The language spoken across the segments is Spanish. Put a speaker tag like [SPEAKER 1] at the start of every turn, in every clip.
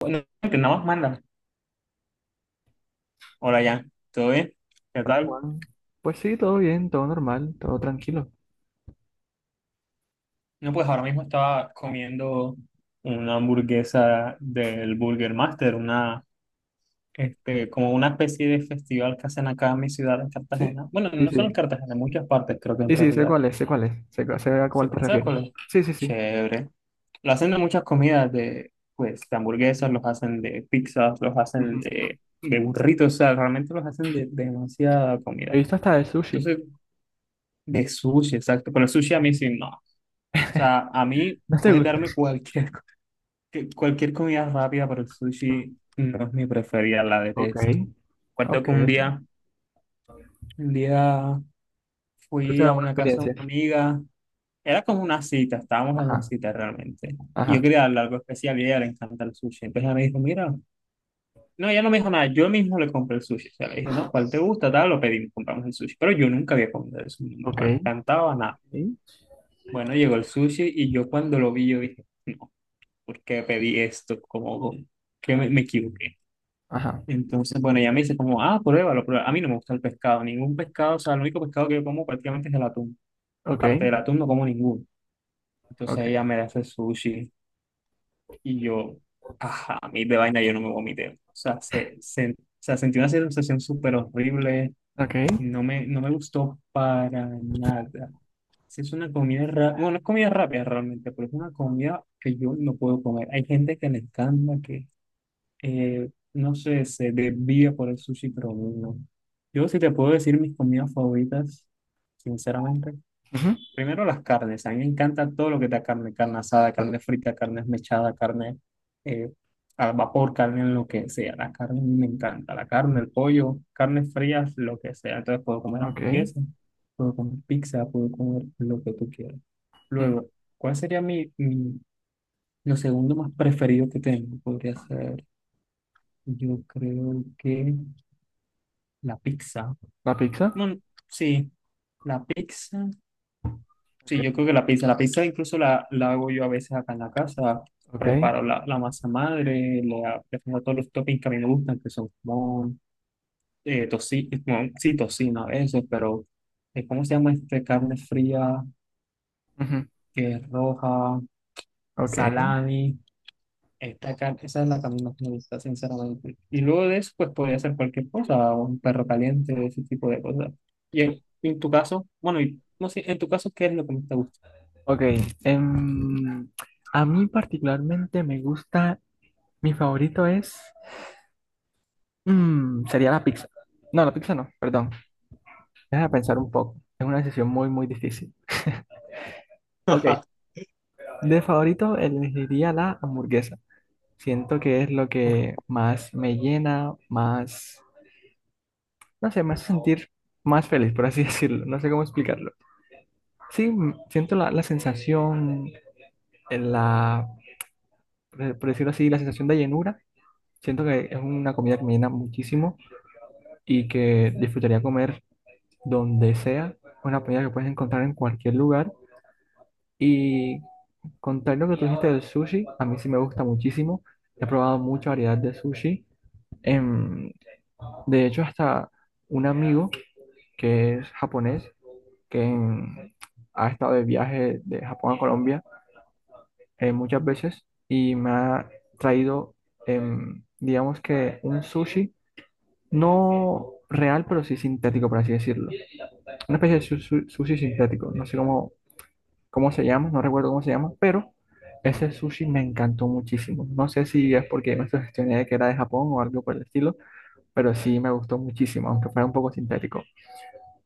[SPEAKER 1] Bueno, que nada más mandan. Hola, ya. ¿Todo bien? ¿Qué
[SPEAKER 2] Hola
[SPEAKER 1] tal?
[SPEAKER 2] Juan. Pues sí, todo bien, todo normal, todo tranquilo.
[SPEAKER 1] No, pues ahora mismo estaba comiendo una hamburguesa del Burger Master, una, como una especie de festival que hacen acá en mi ciudad, en
[SPEAKER 2] Sí,
[SPEAKER 1] Cartagena. Bueno,
[SPEAKER 2] sí,
[SPEAKER 1] no solo en
[SPEAKER 2] sí.
[SPEAKER 1] Cartagena, en muchas partes, creo que en
[SPEAKER 2] Sí, sí, sé
[SPEAKER 1] realidad.
[SPEAKER 2] cuál es, sé cuál es, sé, sé a
[SPEAKER 1] Sí,
[SPEAKER 2] cuál te
[SPEAKER 1] ¿sabes
[SPEAKER 2] refieres.
[SPEAKER 1] cuál es?
[SPEAKER 2] Sí, sí, sí.
[SPEAKER 1] Chévere. Lo hacen de muchas comidas, pues, de hamburguesas, los hacen de pizzas, los hacen
[SPEAKER 2] Ujú.
[SPEAKER 1] de burritos, o sea, realmente los hacen de demasiada
[SPEAKER 2] He
[SPEAKER 1] comida.
[SPEAKER 2] visto hasta de sushi.
[SPEAKER 1] Entonces, de sushi, exacto. Pero el sushi a mí sí, no. O sea, a mí
[SPEAKER 2] ¿No te
[SPEAKER 1] puedes
[SPEAKER 2] gusta?
[SPEAKER 1] darme cualquier, cualquier comida rápida, pero el sushi no es mi preferida, la
[SPEAKER 2] Ok,
[SPEAKER 1] detesto. Recuerdo
[SPEAKER 2] ok.
[SPEAKER 1] que un día
[SPEAKER 2] Pero es
[SPEAKER 1] fui
[SPEAKER 2] una
[SPEAKER 1] a
[SPEAKER 2] buena
[SPEAKER 1] una casa de
[SPEAKER 2] experiencia.
[SPEAKER 1] una amiga, era como una cita, estábamos en una
[SPEAKER 2] Ajá,
[SPEAKER 1] cita realmente. Y yo
[SPEAKER 2] ajá.
[SPEAKER 1] quería darle algo especial y a ella le encanta el sushi. Entonces ella me dijo, mira, no, ella no me dijo nada, yo mismo le compré el sushi. O sea, le dije, no, ¿cuál te gusta? Tal, lo pedimos, compramos el sushi. Pero yo nunca había comido eso,
[SPEAKER 2] Ok.
[SPEAKER 1] no me encantaba nada.
[SPEAKER 2] Sí.
[SPEAKER 1] Bueno, llegó el sushi y yo cuando lo vi, yo dije, no, ¿por qué pedí esto? Como que me equivoqué.
[SPEAKER 2] Ajá.
[SPEAKER 1] Entonces, bueno, ella me dice como, ah, pruébalo, pruébalo. A mí no me gusta el pescado, ningún pescado, o sea, el único pescado que yo como prácticamente es el atún.
[SPEAKER 2] Ok,
[SPEAKER 1] Aparte del atún no como ninguno. Entonces
[SPEAKER 2] ok,
[SPEAKER 1] ella me hace sushi y yo, ajá, a mí de vaina yo no me vomité. O sea, o sea, sentí una sensación súper horrible,
[SPEAKER 2] ok.
[SPEAKER 1] no me gustó para nada. Sí, es una comida rápida, bueno, no es comida rápida realmente, pero es una comida que yo no puedo comer. Hay gente que le encanta, que Eh, no sé, se desvía por el sushi, pero no. Yo sí te puedo decir mis comidas favoritas, sinceramente.
[SPEAKER 2] Ujú.
[SPEAKER 1] Primero las carnes. A mí me encanta todo lo que da carne, carne asada, carne frita, carne esmechada, carne eh, al vapor, carne en lo que sea. La carne a mí me encanta. La carne, el pollo, carnes frías, lo que sea. Entonces puedo comer
[SPEAKER 2] Ok.
[SPEAKER 1] hamburguesa, puedo comer pizza, puedo comer lo que tú quieras.
[SPEAKER 2] Ujú.
[SPEAKER 1] Luego, ¿cuál sería mi lo segundo más preferido que tengo? Podría ser. Yo creo que la pizza.
[SPEAKER 2] La pizza.
[SPEAKER 1] Bueno, sí, la pizza.
[SPEAKER 2] Ok,
[SPEAKER 1] Sí, yo creo que la pizza. La pizza incluso la hago yo a veces acá en la casa.
[SPEAKER 2] ok.
[SPEAKER 1] Preparo la masa madre, le, le pongo todos los toppings que a mí me gustan, que son como sí, tocino a veces, pero ¿cómo se llama este? Carne fría,
[SPEAKER 2] Ujú.
[SPEAKER 1] que es roja,
[SPEAKER 2] Ok,
[SPEAKER 1] salami. Esta, esa es la camino que me gusta, sinceramente. Y luego de eso, pues podría ser cualquier cosa, un perro caliente, ese tipo de cosas. Y en tu caso, bueno, y, no sé, en tu caso, ¿qué es lo que más te gusta?
[SPEAKER 2] ok. Em, a mí particularmente me gusta, mi favorito es... Sería la pizza. No, la pizza no, perdón. Déjame pensar un poco. Es una decisión muy, muy difícil. Ok, de favorito elegiría la hamburguesa. Siento que es lo que más me llena, más, no sé, me hace sentir más feliz, por así decirlo. No sé cómo explicarlo. Sí, siento la, la sensación, la, por decirlo así, la sensación de llenura. Siento que es una comida que me llena muchísimo y que disfrutaría comer donde sea. Una comida que puedes encontrar en cualquier lugar. Y contar lo que tú dijiste del sushi, a mí sí me gusta muchísimo. He probado mucha variedad de sushi. Em, de hecho, hasta un amigo que es japonés, que ha estado de viaje de Japón a Colombia muchas veces y me ha traído, digamos que un sushi, no real, pero sí sintético, por así decirlo. Una especie de sushi sintético. No sé cómo cómo se llama, no recuerdo cómo se llama, pero ese sushi me encantó muchísimo. No sé si es porque me sugestioné de que era de Japón o algo por el estilo, pero sí me gustó muchísimo, aunque fuera un poco sintético.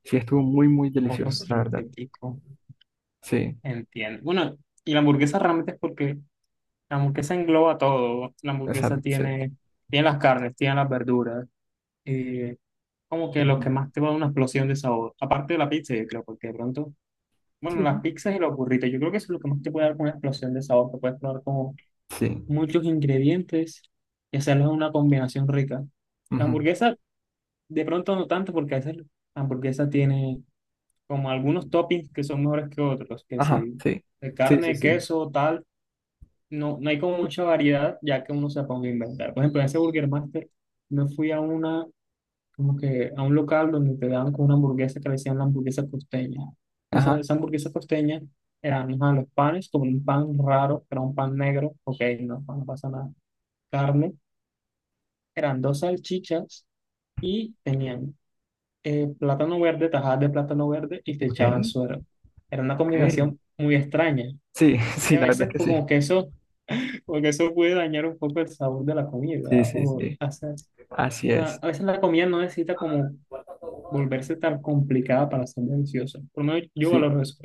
[SPEAKER 2] Sí, estuvo muy, muy
[SPEAKER 1] Poco
[SPEAKER 2] delicioso, la verdad.
[SPEAKER 1] sintético,
[SPEAKER 2] Sí,
[SPEAKER 1] entiendo. Bueno, y la hamburguesa realmente es porque la hamburguesa engloba todo. La hamburguesa
[SPEAKER 2] exacto, sí.
[SPEAKER 1] tiene, tiene las carnes, tiene las verduras, eh, como que lo
[SPEAKER 2] Ujú.
[SPEAKER 1] que más te va a dar una explosión de sabor. Aparte de la pizza, yo creo, porque de pronto, bueno,
[SPEAKER 2] Sí,
[SPEAKER 1] las pizzas y los burritos, yo creo que eso es lo que más te puede dar una explosión de sabor. Te puedes probar como
[SPEAKER 2] sí.
[SPEAKER 1] muchos ingredientes y hacerlos una combinación rica. La
[SPEAKER 2] Ujú.
[SPEAKER 1] hamburguesa, de pronto no tanto, porque a veces la hamburguesa tiene como algunos toppings que son mejores que otros, que
[SPEAKER 2] Ajá,
[SPEAKER 1] si
[SPEAKER 2] sí.
[SPEAKER 1] de
[SPEAKER 2] Sí, sí,
[SPEAKER 1] carne,
[SPEAKER 2] sí.
[SPEAKER 1] queso, tal, no, no hay como mucha variedad, ya que uno se ponga a inventar. Por ejemplo, en ese Burger Master, me fui a una, como que a un local donde te daban con una hamburguesa que le decían la hamburguesa costeña. Entonces,
[SPEAKER 2] Ajá.
[SPEAKER 1] esa hamburguesa costeña eran ajá, los panes, como un pan raro, que era un pan negro, ok, no, no pasa nada. Carne. Eran dos salchichas y tenían plátano verde, tajadas de plátano verde y te
[SPEAKER 2] Ok,
[SPEAKER 1] echaban suero. Era una
[SPEAKER 2] ok.
[SPEAKER 1] combinación muy extraña,
[SPEAKER 2] Sí, sí,
[SPEAKER 1] que a
[SPEAKER 2] la verdad
[SPEAKER 1] veces
[SPEAKER 2] es
[SPEAKER 1] pues,
[SPEAKER 2] que sí.
[SPEAKER 1] como que eso puede dañar un poco el sabor de la
[SPEAKER 2] Sí,
[SPEAKER 1] comida.
[SPEAKER 2] sí,
[SPEAKER 1] O
[SPEAKER 2] sí.
[SPEAKER 1] hacer, o
[SPEAKER 2] Así
[SPEAKER 1] sea,
[SPEAKER 2] es.
[SPEAKER 1] a veces la comida no necesita como volverse tan complicada para ser deliciosa. Por lo menos yo
[SPEAKER 2] Sí.
[SPEAKER 1] valoro eso.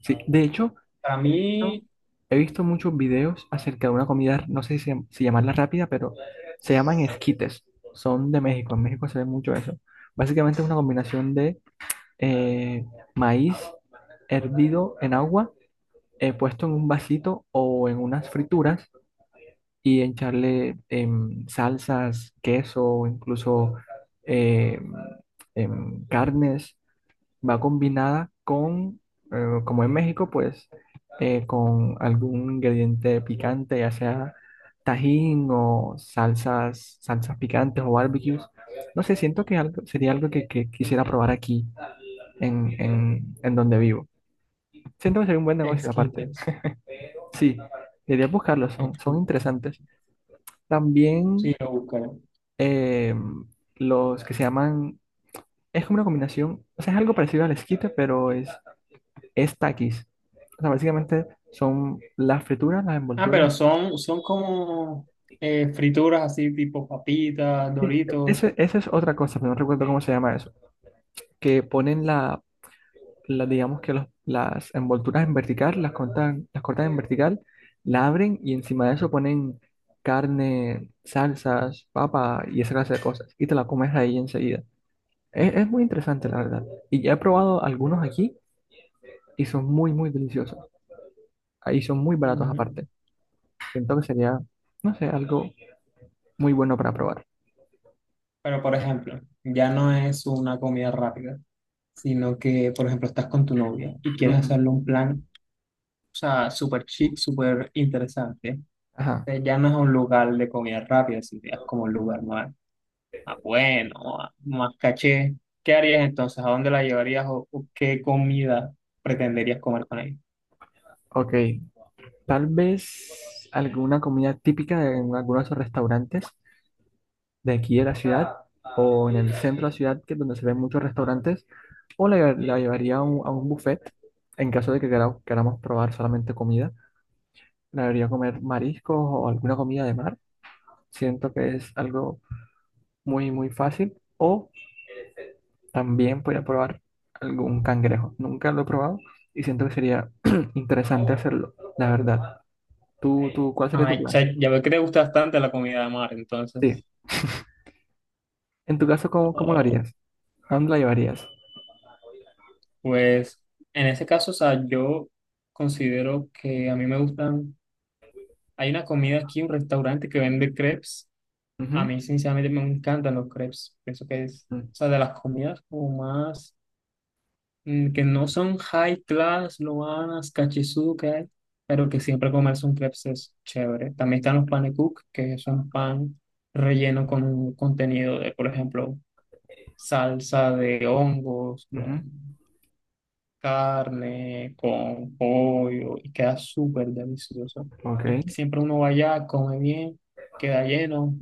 [SPEAKER 2] Sí, de hecho,
[SPEAKER 1] Para
[SPEAKER 2] he visto,
[SPEAKER 1] mí,
[SPEAKER 2] he visto muchos videos acerca de una comida, no sé si, si llamarla rápida, pero se llaman esquites. Son de México, en México se ve mucho eso. Básicamente es una combinación de eh, maíz hervido en agua, puesto en un vasito o en unas frituras y echarle salsas, queso, incluso em, carnes va combinada con, como en México, pues con algún ingrediente picante, ya sea tajín o salsas, salsas picantes o barbecues. No sé, siento que algo, sería algo que quisiera probar aquí en donde vivo. Siento que sería un buen negocio aparte.
[SPEAKER 1] esquites.
[SPEAKER 2] Sí, deberías buscarlos, son, son
[SPEAKER 1] Esquites.
[SPEAKER 2] interesantes.
[SPEAKER 1] Sí,
[SPEAKER 2] También
[SPEAKER 1] lo buscaré.
[SPEAKER 2] eh, los que se llaman, es como una combinación, o sea, es algo parecido al esquite, pero es Takis. O sea, básicamente son las frituras, las
[SPEAKER 1] Ah,
[SPEAKER 2] envolturas.
[SPEAKER 1] pero son, son como frituras así tipo papitas,
[SPEAKER 2] Sí,
[SPEAKER 1] Doritos.
[SPEAKER 2] esa es otra cosa, pero no recuerdo cómo se llama eso. Que ponen la, digamos que las envolturas en vertical, las cortan en vertical, la abren y encima de eso ponen carne, salsas, papa y esa clase de cosas. Y te la comes ahí enseguida. Es muy interesante, la verdad. Y ya he probado algunos aquí y son muy, muy deliciosos. Ahí son muy baratos
[SPEAKER 1] Ujú.
[SPEAKER 2] aparte. Siento que sería, no sé, algo muy bueno para probar.
[SPEAKER 1] Pero, por ejemplo, ya no es una comida rápida, sino que, por ejemplo, estás con tu novia y quieres
[SPEAKER 2] Ujú.
[SPEAKER 1] hacerle un plan, o sea, súper chic, súper interesante.
[SPEAKER 2] Ajá,
[SPEAKER 1] Entonces, ya no es un lugar de comida rápida, sino ya es como un lugar más, más bueno, más caché. ¿Qué harías entonces? ¿A dónde la llevarías o qué comida pretenderías comer con ella?
[SPEAKER 2] ok. Tal vez alguna comida típica en algunos restaurantes de aquí de la ciudad o en el centro de la ciudad, que es donde se ven muchos restaurantes, o la, la llevaría a un buffet en caso de que queramos probar solamente comida. La debería comer mariscos o alguna comida de mar. Siento que es algo muy, muy fácil. O también podría probar algún cangrejo. Nunca lo he probado y siento que sería interesante hacerlo, la verdad. ¿Tú, tú, cuál sería tu
[SPEAKER 1] Ay, o
[SPEAKER 2] plan?
[SPEAKER 1] sea, ya veo que te gusta bastante la comida de mar,
[SPEAKER 2] Sí.
[SPEAKER 1] entonces.
[SPEAKER 2] En tu caso, ¿cómo, cómo lo harías? ¿A dónde la llevarías?
[SPEAKER 1] Pues en ese caso, o sea, yo considero que a mí me gustan, hay una comida aquí, un restaurante que vende crepes, a
[SPEAKER 2] Ujú,
[SPEAKER 1] mí sinceramente me encantan los crepes, pienso que es,
[SPEAKER 2] ujú,
[SPEAKER 1] o sea, de las comidas como más, que no son high class, loanas, cachizudo que hay, pero que siempre comerse un crepes es chévere. También están los panekuk, que es un pan relleno con un contenido de, por ejemplo, salsa de hongos,
[SPEAKER 2] ujú,
[SPEAKER 1] carne con pollo y queda súper delicioso. Y
[SPEAKER 2] ok.
[SPEAKER 1] siempre uno va allá, come bien, queda lleno.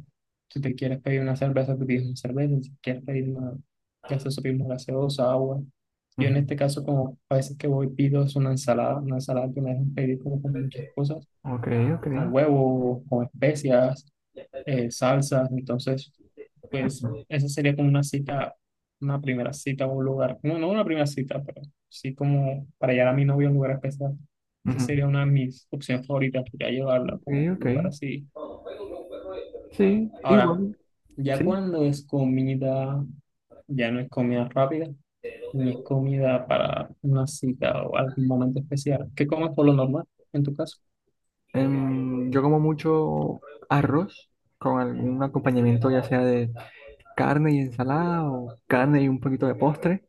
[SPEAKER 1] Si te quieres pedir una cerveza, te pides una cerveza. Si quieres pedir una gaseosa, pides una gaseosa, agua. Yo en
[SPEAKER 2] Ujú,
[SPEAKER 1] este caso, como a veces que voy, pido es una ensalada que me dejan pedir como con muchas cosas,
[SPEAKER 2] ok, ok.
[SPEAKER 1] con huevos, con especias salsas. Entonces, pues
[SPEAKER 2] Ujú,
[SPEAKER 1] esa sería como una cita, una primera cita a un lugar. No, no una primera cita, pero sí como para llevar a mi novia a un lugar especial. Esa
[SPEAKER 2] ujú,
[SPEAKER 1] sería una de mis opciones favoritas, que ya llevarla
[SPEAKER 2] ok,
[SPEAKER 1] como un
[SPEAKER 2] ok.
[SPEAKER 1] lugar así.
[SPEAKER 2] Sí,
[SPEAKER 1] Ahora,
[SPEAKER 2] igual,
[SPEAKER 1] ya
[SPEAKER 2] sí.
[SPEAKER 1] cuando es comida, ya no es comida rápida, ni es comida para una cita o algún momento especial. ¿Qué comes por lo normal en tu caso?
[SPEAKER 2] Yo como mucho arroz con algún acompañamiento, ya sea de carne y ensalada o carne y un poquito de postre.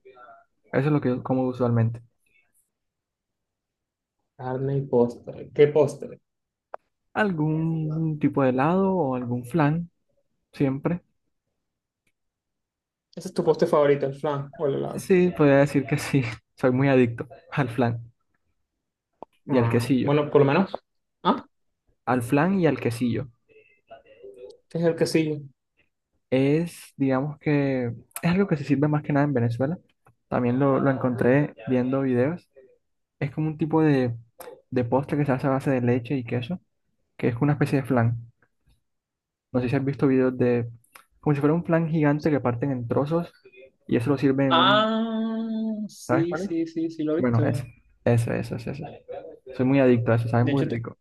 [SPEAKER 2] Eso es lo que yo como usualmente.
[SPEAKER 1] Carne y postre. ¿Qué postre?
[SPEAKER 2] Algún tipo de helado o algún flan, siempre.
[SPEAKER 1] ¿Ese es tu postre favorito, el flan o el helado?
[SPEAKER 2] Sí, podría decir que sí. Soy muy adicto al flan y al
[SPEAKER 1] Ah,
[SPEAKER 2] quesillo.
[SPEAKER 1] bueno, por lo menos. Ah,
[SPEAKER 2] Al flan y al quesillo.
[SPEAKER 1] este es el que sigue.
[SPEAKER 2] Es, digamos que, es algo que se sirve más que nada en Venezuela. También lo encontré viendo videos. Es como un tipo de postre que se hace a base de leche y queso, que es una especie de flan. No sé si has visto videos de, como si fuera un flan gigante que parten en trozos y eso lo sirven en un,
[SPEAKER 1] Ah,
[SPEAKER 2] ¿sabes
[SPEAKER 1] sí,
[SPEAKER 2] cuál es?
[SPEAKER 1] sí, sí, sí, lo he
[SPEAKER 2] Bueno, eso,
[SPEAKER 1] visto.
[SPEAKER 2] eso, eso, eso, eso. Soy muy adicto a eso, sabe
[SPEAKER 1] De
[SPEAKER 2] muy
[SPEAKER 1] hecho,
[SPEAKER 2] rico.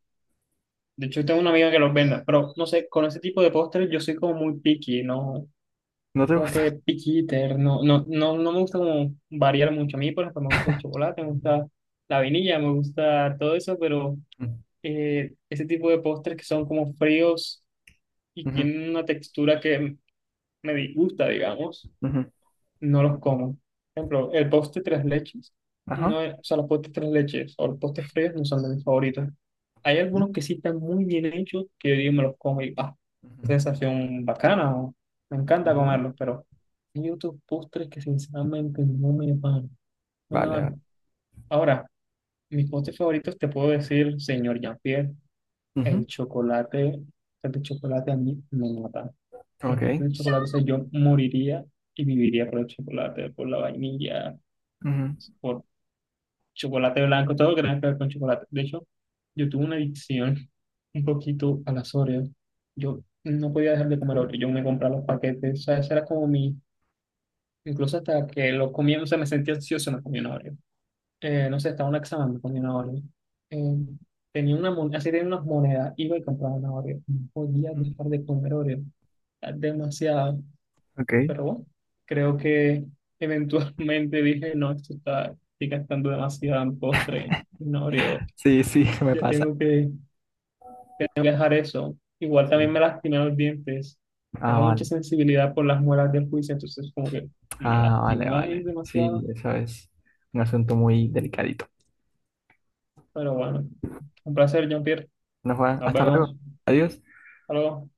[SPEAKER 1] de hecho tengo una amiga que los vende, pero no sé, con ese tipo de postres yo soy como muy picky, ¿no?
[SPEAKER 2] ¿No te
[SPEAKER 1] Como
[SPEAKER 2] gusta?
[SPEAKER 1] que picky eater, no, no, no, no me gusta como variar mucho a mí, por ejemplo, me gusta el chocolate, me gusta la vainilla, me gusta todo eso, pero ese tipo de postres que son como fríos y
[SPEAKER 2] Ujú,
[SPEAKER 1] tienen una textura que me disgusta, digamos
[SPEAKER 2] ujú.
[SPEAKER 1] no los como. Por ejemplo, el postre tres leches, no
[SPEAKER 2] Ajá.
[SPEAKER 1] es- o sea, los postres tres leches o los postres fríos no son de mis favoritos. Hay
[SPEAKER 2] Ujú,
[SPEAKER 1] algunos que sí están muy bien hechos que yo digo, me los como y ah,
[SPEAKER 2] ujú.
[SPEAKER 1] qué sensación bacana, o me encanta
[SPEAKER 2] Ok.
[SPEAKER 1] comerlos, pero hay otros postres que sinceramente no me van, no me
[SPEAKER 2] Vale, vale.
[SPEAKER 1] van. Ahora, mis postres favoritos te puedo decir, señor Jean-Pierre,
[SPEAKER 2] Ujú,
[SPEAKER 1] el chocolate, el chocolate a mí me mata.
[SPEAKER 2] ok.
[SPEAKER 1] Los postres de chocolate, o sea, yo moriría y viviría por el chocolate, por la vainilla
[SPEAKER 2] Ujú.
[SPEAKER 1] por chocolate blanco, todo lo que tenga que ver con chocolate. De hecho, yo tuve una adicción un poquito a las Oreos. Yo no podía dejar de comer
[SPEAKER 2] Sí,
[SPEAKER 1] Oreos. Yo me compraba los paquetes. O sea, ese era como mi... Incluso hasta que los comía, o sea, me sentía ansioso, me comía una Oreo. No sé, estaba en un examen, me comía una Oreo. Eh, tenía una moneda, así tenía unas monedas, iba y compraba una Oreo. No podía dejar de comer Oreo. Era demasiado.
[SPEAKER 2] ok.
[SPEAKER 1] Pero bueno, creo que eventualmente dije, no, esto está estoy gastando demasiado en postre, no abrí otro.
[SPEAKER 2] Sí, sí, me
[SPEAKER 1] Ya
[SPEAKER 2] pasa.
[SPEAKER 1] tengo que dejar eso. Igual también
[SPEAKER 2] Sí.
[SPEAKER 1] me lastimé los dientes.
[SPEAKER 2] Ah,
[SPEAKER 1] Tengo mucha
[SPEAKER 2] vale.
[SPEAKER 1] sensibilidad por las muelas del juicio, entonces como que me
[SPEAKER 2] Ah, vale,
[SPEAKER 1] lastimó ahí
[SPEAKER 2] vale.
[SPEAKER 1] demasiado.
[SPEAKER 2] Sí, eso es un asunto muy delicadito.
[SPEAKER 1] Pero bueno, un placer, Jean-Pierre.
[SPEAKER 2] Bueno, Juan,
[SPEAKER 1] Nos
[SPEAKER 2] hasta luego.
[SPEAKER 1] vemos.
[SPEAKER 2] Adiós.
[SPEAKER 1] Hasta luego.